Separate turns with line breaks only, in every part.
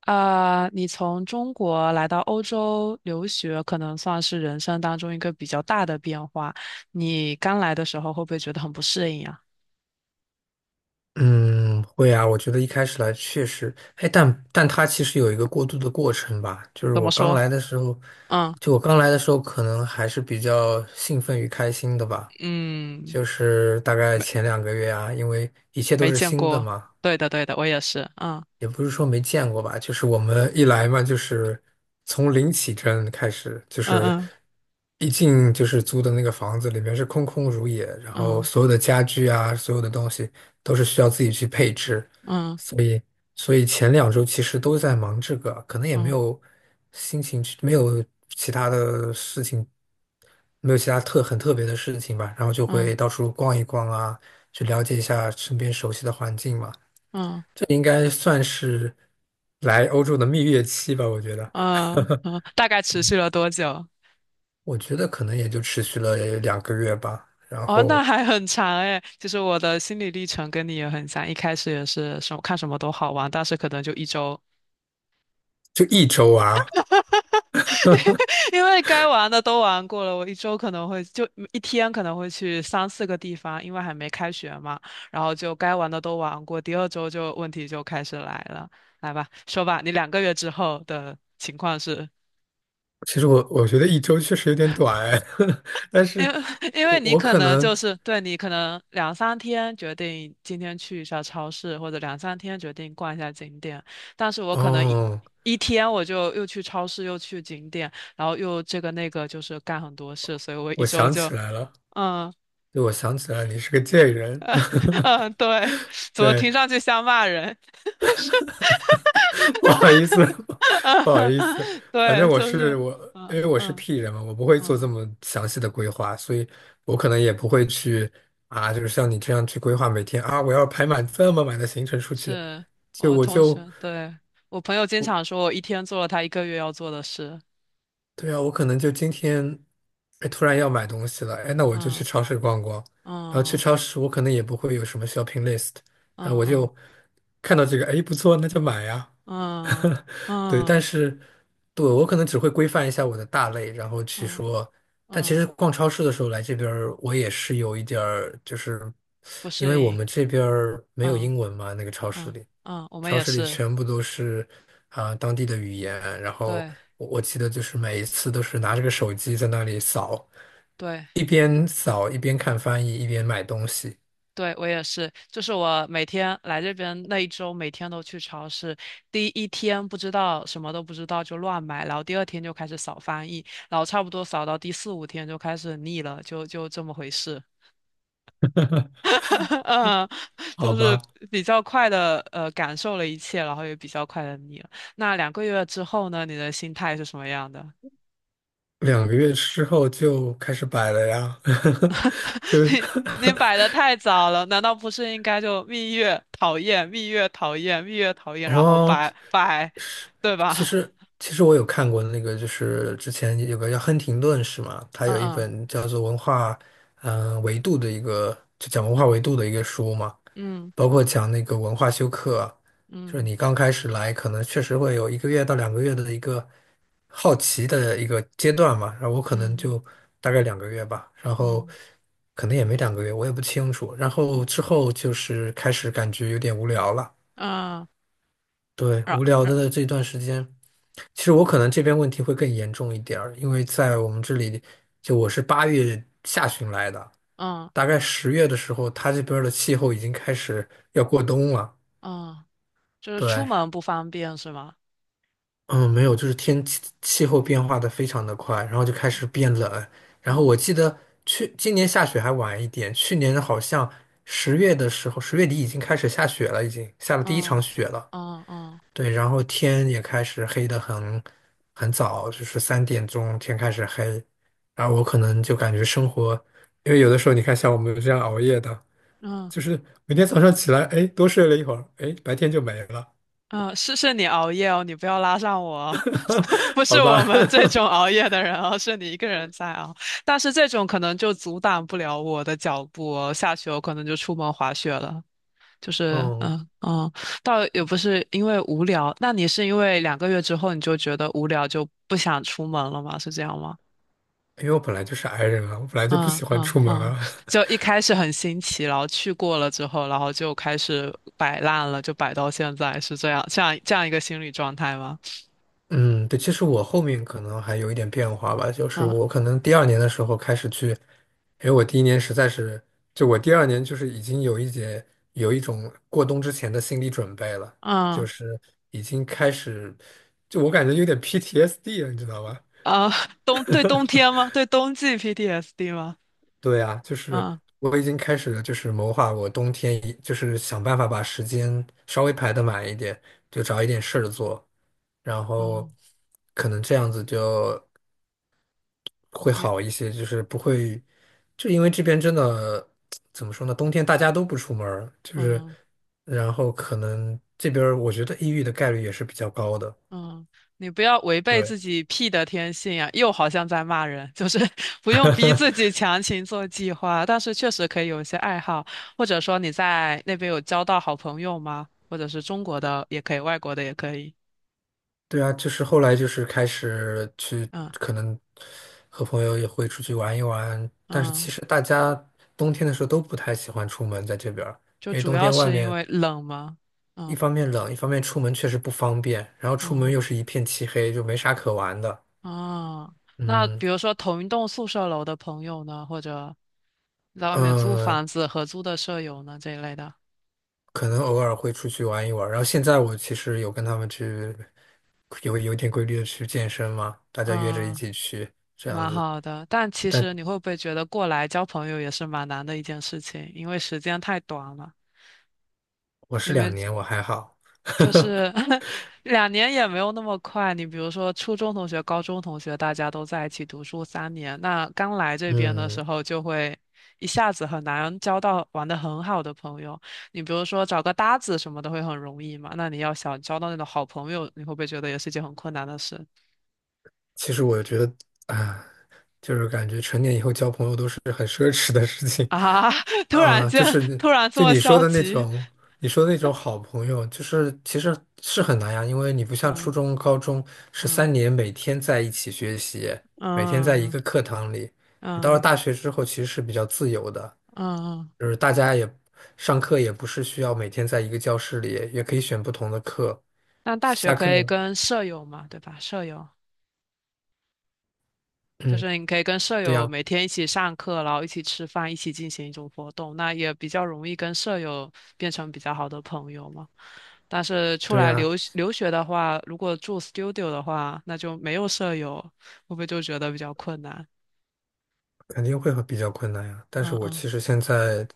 啊，你从中国来到欧洲留学，可能算是人生当中一个比较大的变化。你刚来的时候会不会觉得很不适应啊？
嗯，会啊，我觉得一开始来确实，哎，但它其实有一个过渡的过程吧，就是
怎
我
么
刚
说？
来的时候，
嗯
就我刚来的时候，可能还是比较兴奋与开心的吧，
嗯，
就是大概
没
前两个月啊，因为一切都
没
是
见
新的
过。
嘛，
对的对的，我也是。嗯
也不是说没见过吧，就是我们一来嘛，就是从零起征开始，就是
嗯
一进就是租的那个房子里面是空空如也，然后所
嗯
有的家具啊，所有的东西都是需要自己去配置，
嗯
所以所以前2周其实都在忙这个，可能也没
嗯
有心情去，没有其他的事情，没有其他很特别的事情吧，然后就
嗯
会到处逛一逛啊，去了解一下身边熟悉的环境嘛。
嗯
应该算是来欧洲的蜜月期吧，我觉得，
嗯嗯，大概持续了多久？
我觉得可能也就持续了两个月吧，然
哦，那
后
还很长诶。其实我的心理历程跟你也很像，一开始也是什么看什么都好玩，但是可能就一周，
就一周啊。
因为该玩的都玩过了，我一周可能会就一天可能会去三四个地方，因为还没开学嘛，然后就该玩的都玩过，第二周就问题就开始来了，来吧，说吧，你两个月之后的情况是？
其实我觉得一周确实有点短哎，但
因
是
为 因
我
为你
我
可
可
能就
能
是对你可能两三天决定今天去一下超市，或者两三天决定逛一下景点，但是我可能一
哦，
一天我就又去超市又去景点，然后又这个那个就是干很多事，所以我一
我
周
想
就
起来了，
嗯
对，我想起来你是个贱人，
嗯对，怎么
对，
听上去像骂人？
不好意思，不好意思，
嗯
反
对，
正我
就
是
是
我，因
嗯
为我是
嗯
P 人嘛，我不会做这
嗯，
么详细的规划，所以我可能也不会去啊，就是像你这样去规划每天啊，我要排满这么满的行程出去，
是
就
我
我
同
就
学，对，我朋友经常说我一天做了他一个月要做的事，
对啊，我可能就今天，哎，突然要买东西了，哎，那我就去
嗯。
超市逛逛。然后去
嗯
超市，我可能也不会有什么 shopping list，然后
嗯
我
嗯
就看到这个，哎，不错，那就买呀。
嗯
对，
嗯
但是对我可能只会规范一下我的大类，然后去
嗯
说。但其实
嗯，
逛超市的时候来这边儿我也是有一点儿，就是
不
因
适
为我
应，
们这边儿没有
嗯
英文嘛，
嗯嗯，我们
超
也
市里
是，
全部都是啊、当地的语言，然后
对
我记得就是每一次都是拿着个手机在那里扫，
对
一边扫一边看翻译，一边买东西。
对，我也是，就是我每天来这边那一周，每天都去超市，第一天不知道什么都不知道就乱买，然后第二天就开始扫翻译，然后差不多扫到第四五天就开始腻了，就这么回事。嗯，
好
就是
吧，
比较快的感受了一切，然后也比较快的腻了。那两个月之后呢，你的心态是什么样的？
两个月之后就开始摆了呀，就
你你摆的太早了，难道不是应该就蜜月讨厌，蜜月讨厌，蜜月讨厌，然后
哦，
拜拜，对吧？
其实 其实我有看过那个，就是之前有个叫亨廷顿是吗？他
嗯
有一
嗯
本叫做《文化维度》的一个，就讲文化维度的一个书嘛。
嗯
包括讲那个文化修课，就是你刚开始来，可能确实会有1个月到2个月的一个好奇的一个阶段嘛。然后我可能
嗯嗯
就大概两个月吧，然后
嗯
可能也没两个月，我也不清楚。然后之后就是开始感觉有点无聊了，
嗯，
对，
然
无聊
然
的这段时间，其实我可能这边问题会更严重一点儿，因为在我们这里，就我是8月下旬来的，
嗯
大概十月的时候，他这边儿的气候已经开始要过冬了。
嗯，就是出
对，
门不方便是吗？
嗯，没有，就是天气气候变化的非常的快，然后就开始
嗯
变冷。然后
嗯
我记得去今年下雪还晚一点，去年好像十月的时候，十月底已经开始下雪了，已经下了第一场
嗯
雪了。
嗯嗯。
对，然后天也开始黑的很很早，就是3点钟天开始黑。然后我可能就感觉生活，因为有的时候你看像我们这样熬夜的，
嗯
就是每天早上起来，哎，多睡了一会儿，哎，白天就没了，
嗯，是你熬夜哦，你不要拉上我哦 不 是
好
我
吧。
们这种 熬夜的人哦，是你一个人在熬。但是这种可能就阻挡不了我的脚步哦，下去我可能就出门滑雪了。就是
嗯，
嗯嗯，倒也不是因为无聊，那你是因为两个月之后你就觉得无聊就不想出门了吗？是这样吗？
因为我本来就是 i 人啊，我本来就不
嗯
喜欢
嗯
出门
嗯，
啊。
就 一开始很新奇，然后去过了之后，然后就开始摆烂了，就摆到现在，是这样，这样这样一个心理状态吗？
嗯，对，其实我后面可能还有一点变化吧，就是
嗯。
我可能第二年的时候开始去，因为我第一年实在是，就我第二年就是已经有一节有一种过冬之前的心理准备了，
嗯
就是已经开始，就我感觉有点 PTSD 了，你知道吧？
啊，冬天吗？对冬季 PTSD 吗？
对啊，就是
嗯
我已经开始就是谋划我冬天一，就是想办法把时间稍微排得满一点，就找一点事儿做，然后
嗯，
可能这样子就会好
你
一些，就是不会，就因为这边真的怎么说呢，冬天大家都不出门儿就是
嗯
然后可能这边儿我觉得抑郁的概率也是比较高的。
嗯，你不要违背
对。
自己 P 的天性啊！又好像在骂人，就是 不用逼自己强行做计划，但是确实可以有一些爱好，或者说你在那边有交到好朋友吗？或者是中国的也可以，外国的也可以。
对啊，就是后来就是开始去，
嗯
可能和朋友也会出去玩一玩，但是其
嗯，
实大家冬天的时候都不太喜欢出门在这边儿，
就
因为
主
冬
要
天外
是因
面
为冷吗？
一
嗯
方面冷，一方面出门确实不方便，然后出门
嗯。
又是一片漆黑，就没啥可玩的。
啊，那
嗯
比如说同一栋宿舍楼的朋友呢，或者在外面租
嗯，呃
房子合租的舍友呢这一类的，
可能偶尔会出去玩一玩。然后现在我其实有跟他们去，有点规律的去健身嘛，大家约着一
嗯，
起去这样
蛮
子。
好的。但其
但
实你会不会觉得过来交朋友也是蛮难的一件事情，因为时间太短了。
我是2年，我还好。
就是 两年也没有那么快。你比如说，初中同学、高中同学，大家都在一起读书三年，那刚来这边的
嗯，
时候就会一下子很难交到玩得很好的朋友。你比如说找个搭子什么的会很容易嘛，那你要想交到那种好朋友，你会不会觉得也是一件很困难的事
其实我觉得啊，就是感觉成年以后交朋友都是很奢侈的事情
啊？突然
啊，就
间，
是
突然这
就
么
你说
消
的那
极，
种，你说的那种好朋友，就是其实是很难呀，因为你不像初
嗯
中、高中是
嗯
3年每天在一起学习，每天在
嗯
一
嗯
个课堂里，你到了
嗯
大学之后其实是比较自由的。
嗯，嗯
就是大家也上课也不是需要每天在一个教室里，也可以选不同的课。
那大学
下课，
可以跟舍友嘛，对吧？舍友。就
嗯，
是你可以跟舍
对
友
呀，
每天一起上课，然后一起吃饭，一起进行一种活动，那也比较容易跟舍友变成比较好的朋友嘛。但是出
对
来
呀，
留学的话，如果住 studio 的话，那就没有舍友，会不会就觉得比较困难？
肯定会很比较困难呀，但是
嗯
我
嗯
其实现在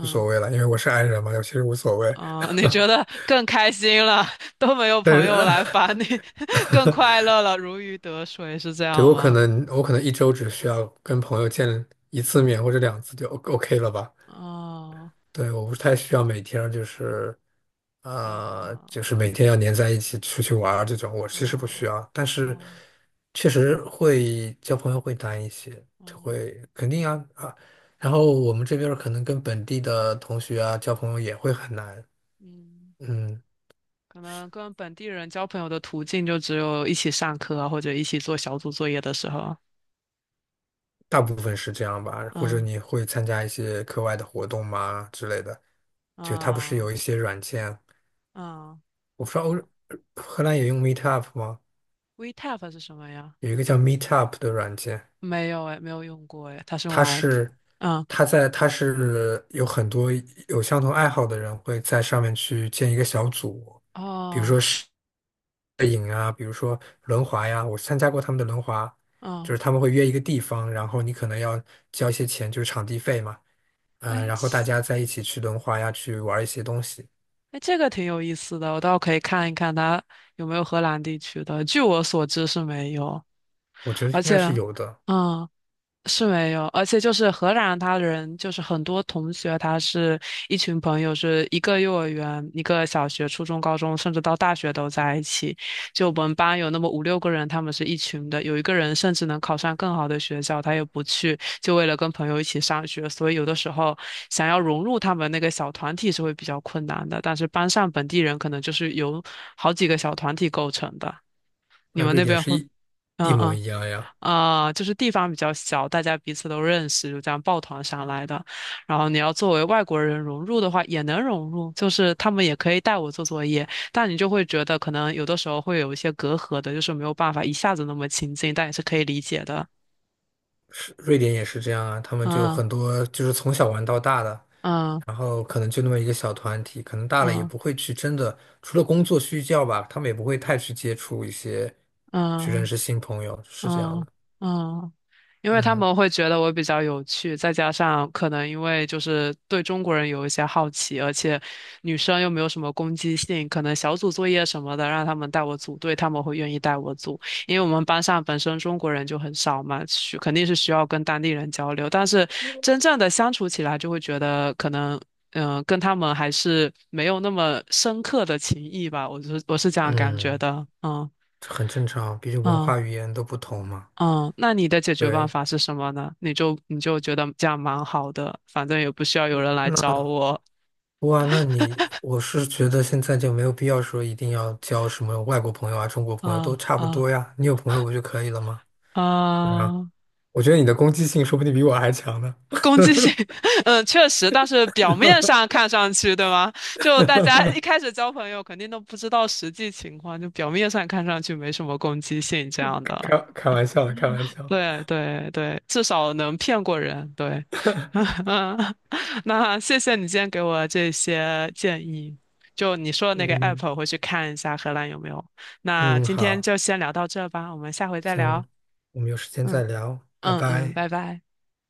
无所谓了，因为我是 i 人嘛，我其实无所谓。
嗯，你觉得更开心了，都没有
但
朋
是，
友来烦你，更快乐了，如鱼得水，是这
对，
样
我可
吗？
能我可能一周只需要跟朋友见一次面或者2次就 OK 了吧？
哦，
对，我不太需要每天就是
跟
啊、就是
哦
每天要黏在一起出去玩儿这种，我其实不
哦
需要。但是
哦
确实会交朋友会难一些，就会
哦
肯定啊啊。然后我们这边儿可能跟本地的同学啊交朋友也会很难。
嗯。
嗯，
可能跟本地人交朋友的途径就只有一起上课啊，或者一起做小组作业的时候。
大部分是这样吧，或者
嗯
你会参加一些课外的活动吗之类的？就它不是
嗯
有一些软件，
嗯，
我不知道
我
荷兰也用 Meetup 吗？
WeTap 是什么呀？
有一个叫 Meetup 的软件，
没有哎，没有用过哎，它是用
它
来，
是
嗯
它是有很多有相同爱好的人会在上面去建一个小组，比如
哦
说摄影啊，比如说轮滑呀，我参加过他们的轮滑，就
嗯，
是他们会约一个地方，然后你可能要交一些钱，就是场地费嘛。嗯、
哎
然后大
其
家在一起去轮滑呀，去玩一些东西，
哎这个挺有意思的，我倒可以看一看它有没有荷兰地区的。据我所知是没有，
我觉得应
而且
该是有的。
嗯是没有，而且就是荷兰，他人就是很多同学，他是一群朋友，是一个幼儿园、一个小学、初中、高中，甚至到大学都在一起。就我们班有那么五六个人，他们是一群的，有一个人甚至能考上更好的学校，他也不去，就为了跟朋友一起上学。所以有的时候想要融入他们那个小团体是会比较困难的，但是班上本地人可能就是由好几个小团体构成的。你
那
们
瑞
那
典
边
是
会？
一
嗯
模
嗯
一样呀，
啊、就是地方比较小，大家彼此都认识，就这样抱团上来的。然后你要作为外国人融入的话，也能融入，就是他们也可以带我做作业，但你就会觉得可能有的时候会有一些隔阂的，就是没有办法一下子那么亲近，但也是可以理解的。
是瑞典也是这样啊，他们就
嗯
很多就是从小玩到大的，
嗯
然后可能就那么一个小团体，可能大了也
嗯
不会去真的，除了工作需要吧，他们也不会太去接触一些，去认
嗯
识新朋友，是这
嗯
样
嗯
的。
嗯因为他
嗯
们会觉得我比较有趣，再加上可能因为就是对中国人有一些好奇，而且女生又没有什么攻击性，可能小组作业什么的让他们带我组队，他们会愿意带我组，因为我们班上本身中国人就很少嘛，肯定是需要跟当地人交流，但是真正的相处起来就会觉得可能。嗯，跟他们还是没有那么深刻的情谊吧，我是这样感觉
嗯，
的，嗯。
这很正常，毕竟文
嗯
化语言都不同嘛。
嗯，那你的解决办
对，
法是什么呢？你就觉得这样蛮好的，反正也不需要有人来找我
哇，那你，我是觉得现在就没有必要说一定要交什么外国朋友啊、中国朋友都
啊
差不
啊
多呀，你有朋友不就可以了吗？对啊，
啊！
我觉得你的攻击性说不定比我还强呢，
攻击性，嗯，确实，但是表面上看上去，对吗？就大家一开始交朋友，肯定都不知道实际情况，就表面上看上去没什么攻击性这样的。
开玩笑的，开玩笑。
对对对，至少能骗过人。对，那谢谢你今天给我这些建议。就你说的那个
嗯
app，我会去看一下荷兰有没有。那
嗯，
今天
好，
就先聊到这吧，我们下回再聊。
行，我们有时间再
嗯
聊，拜
嗯嗯，
拜。
拜拜。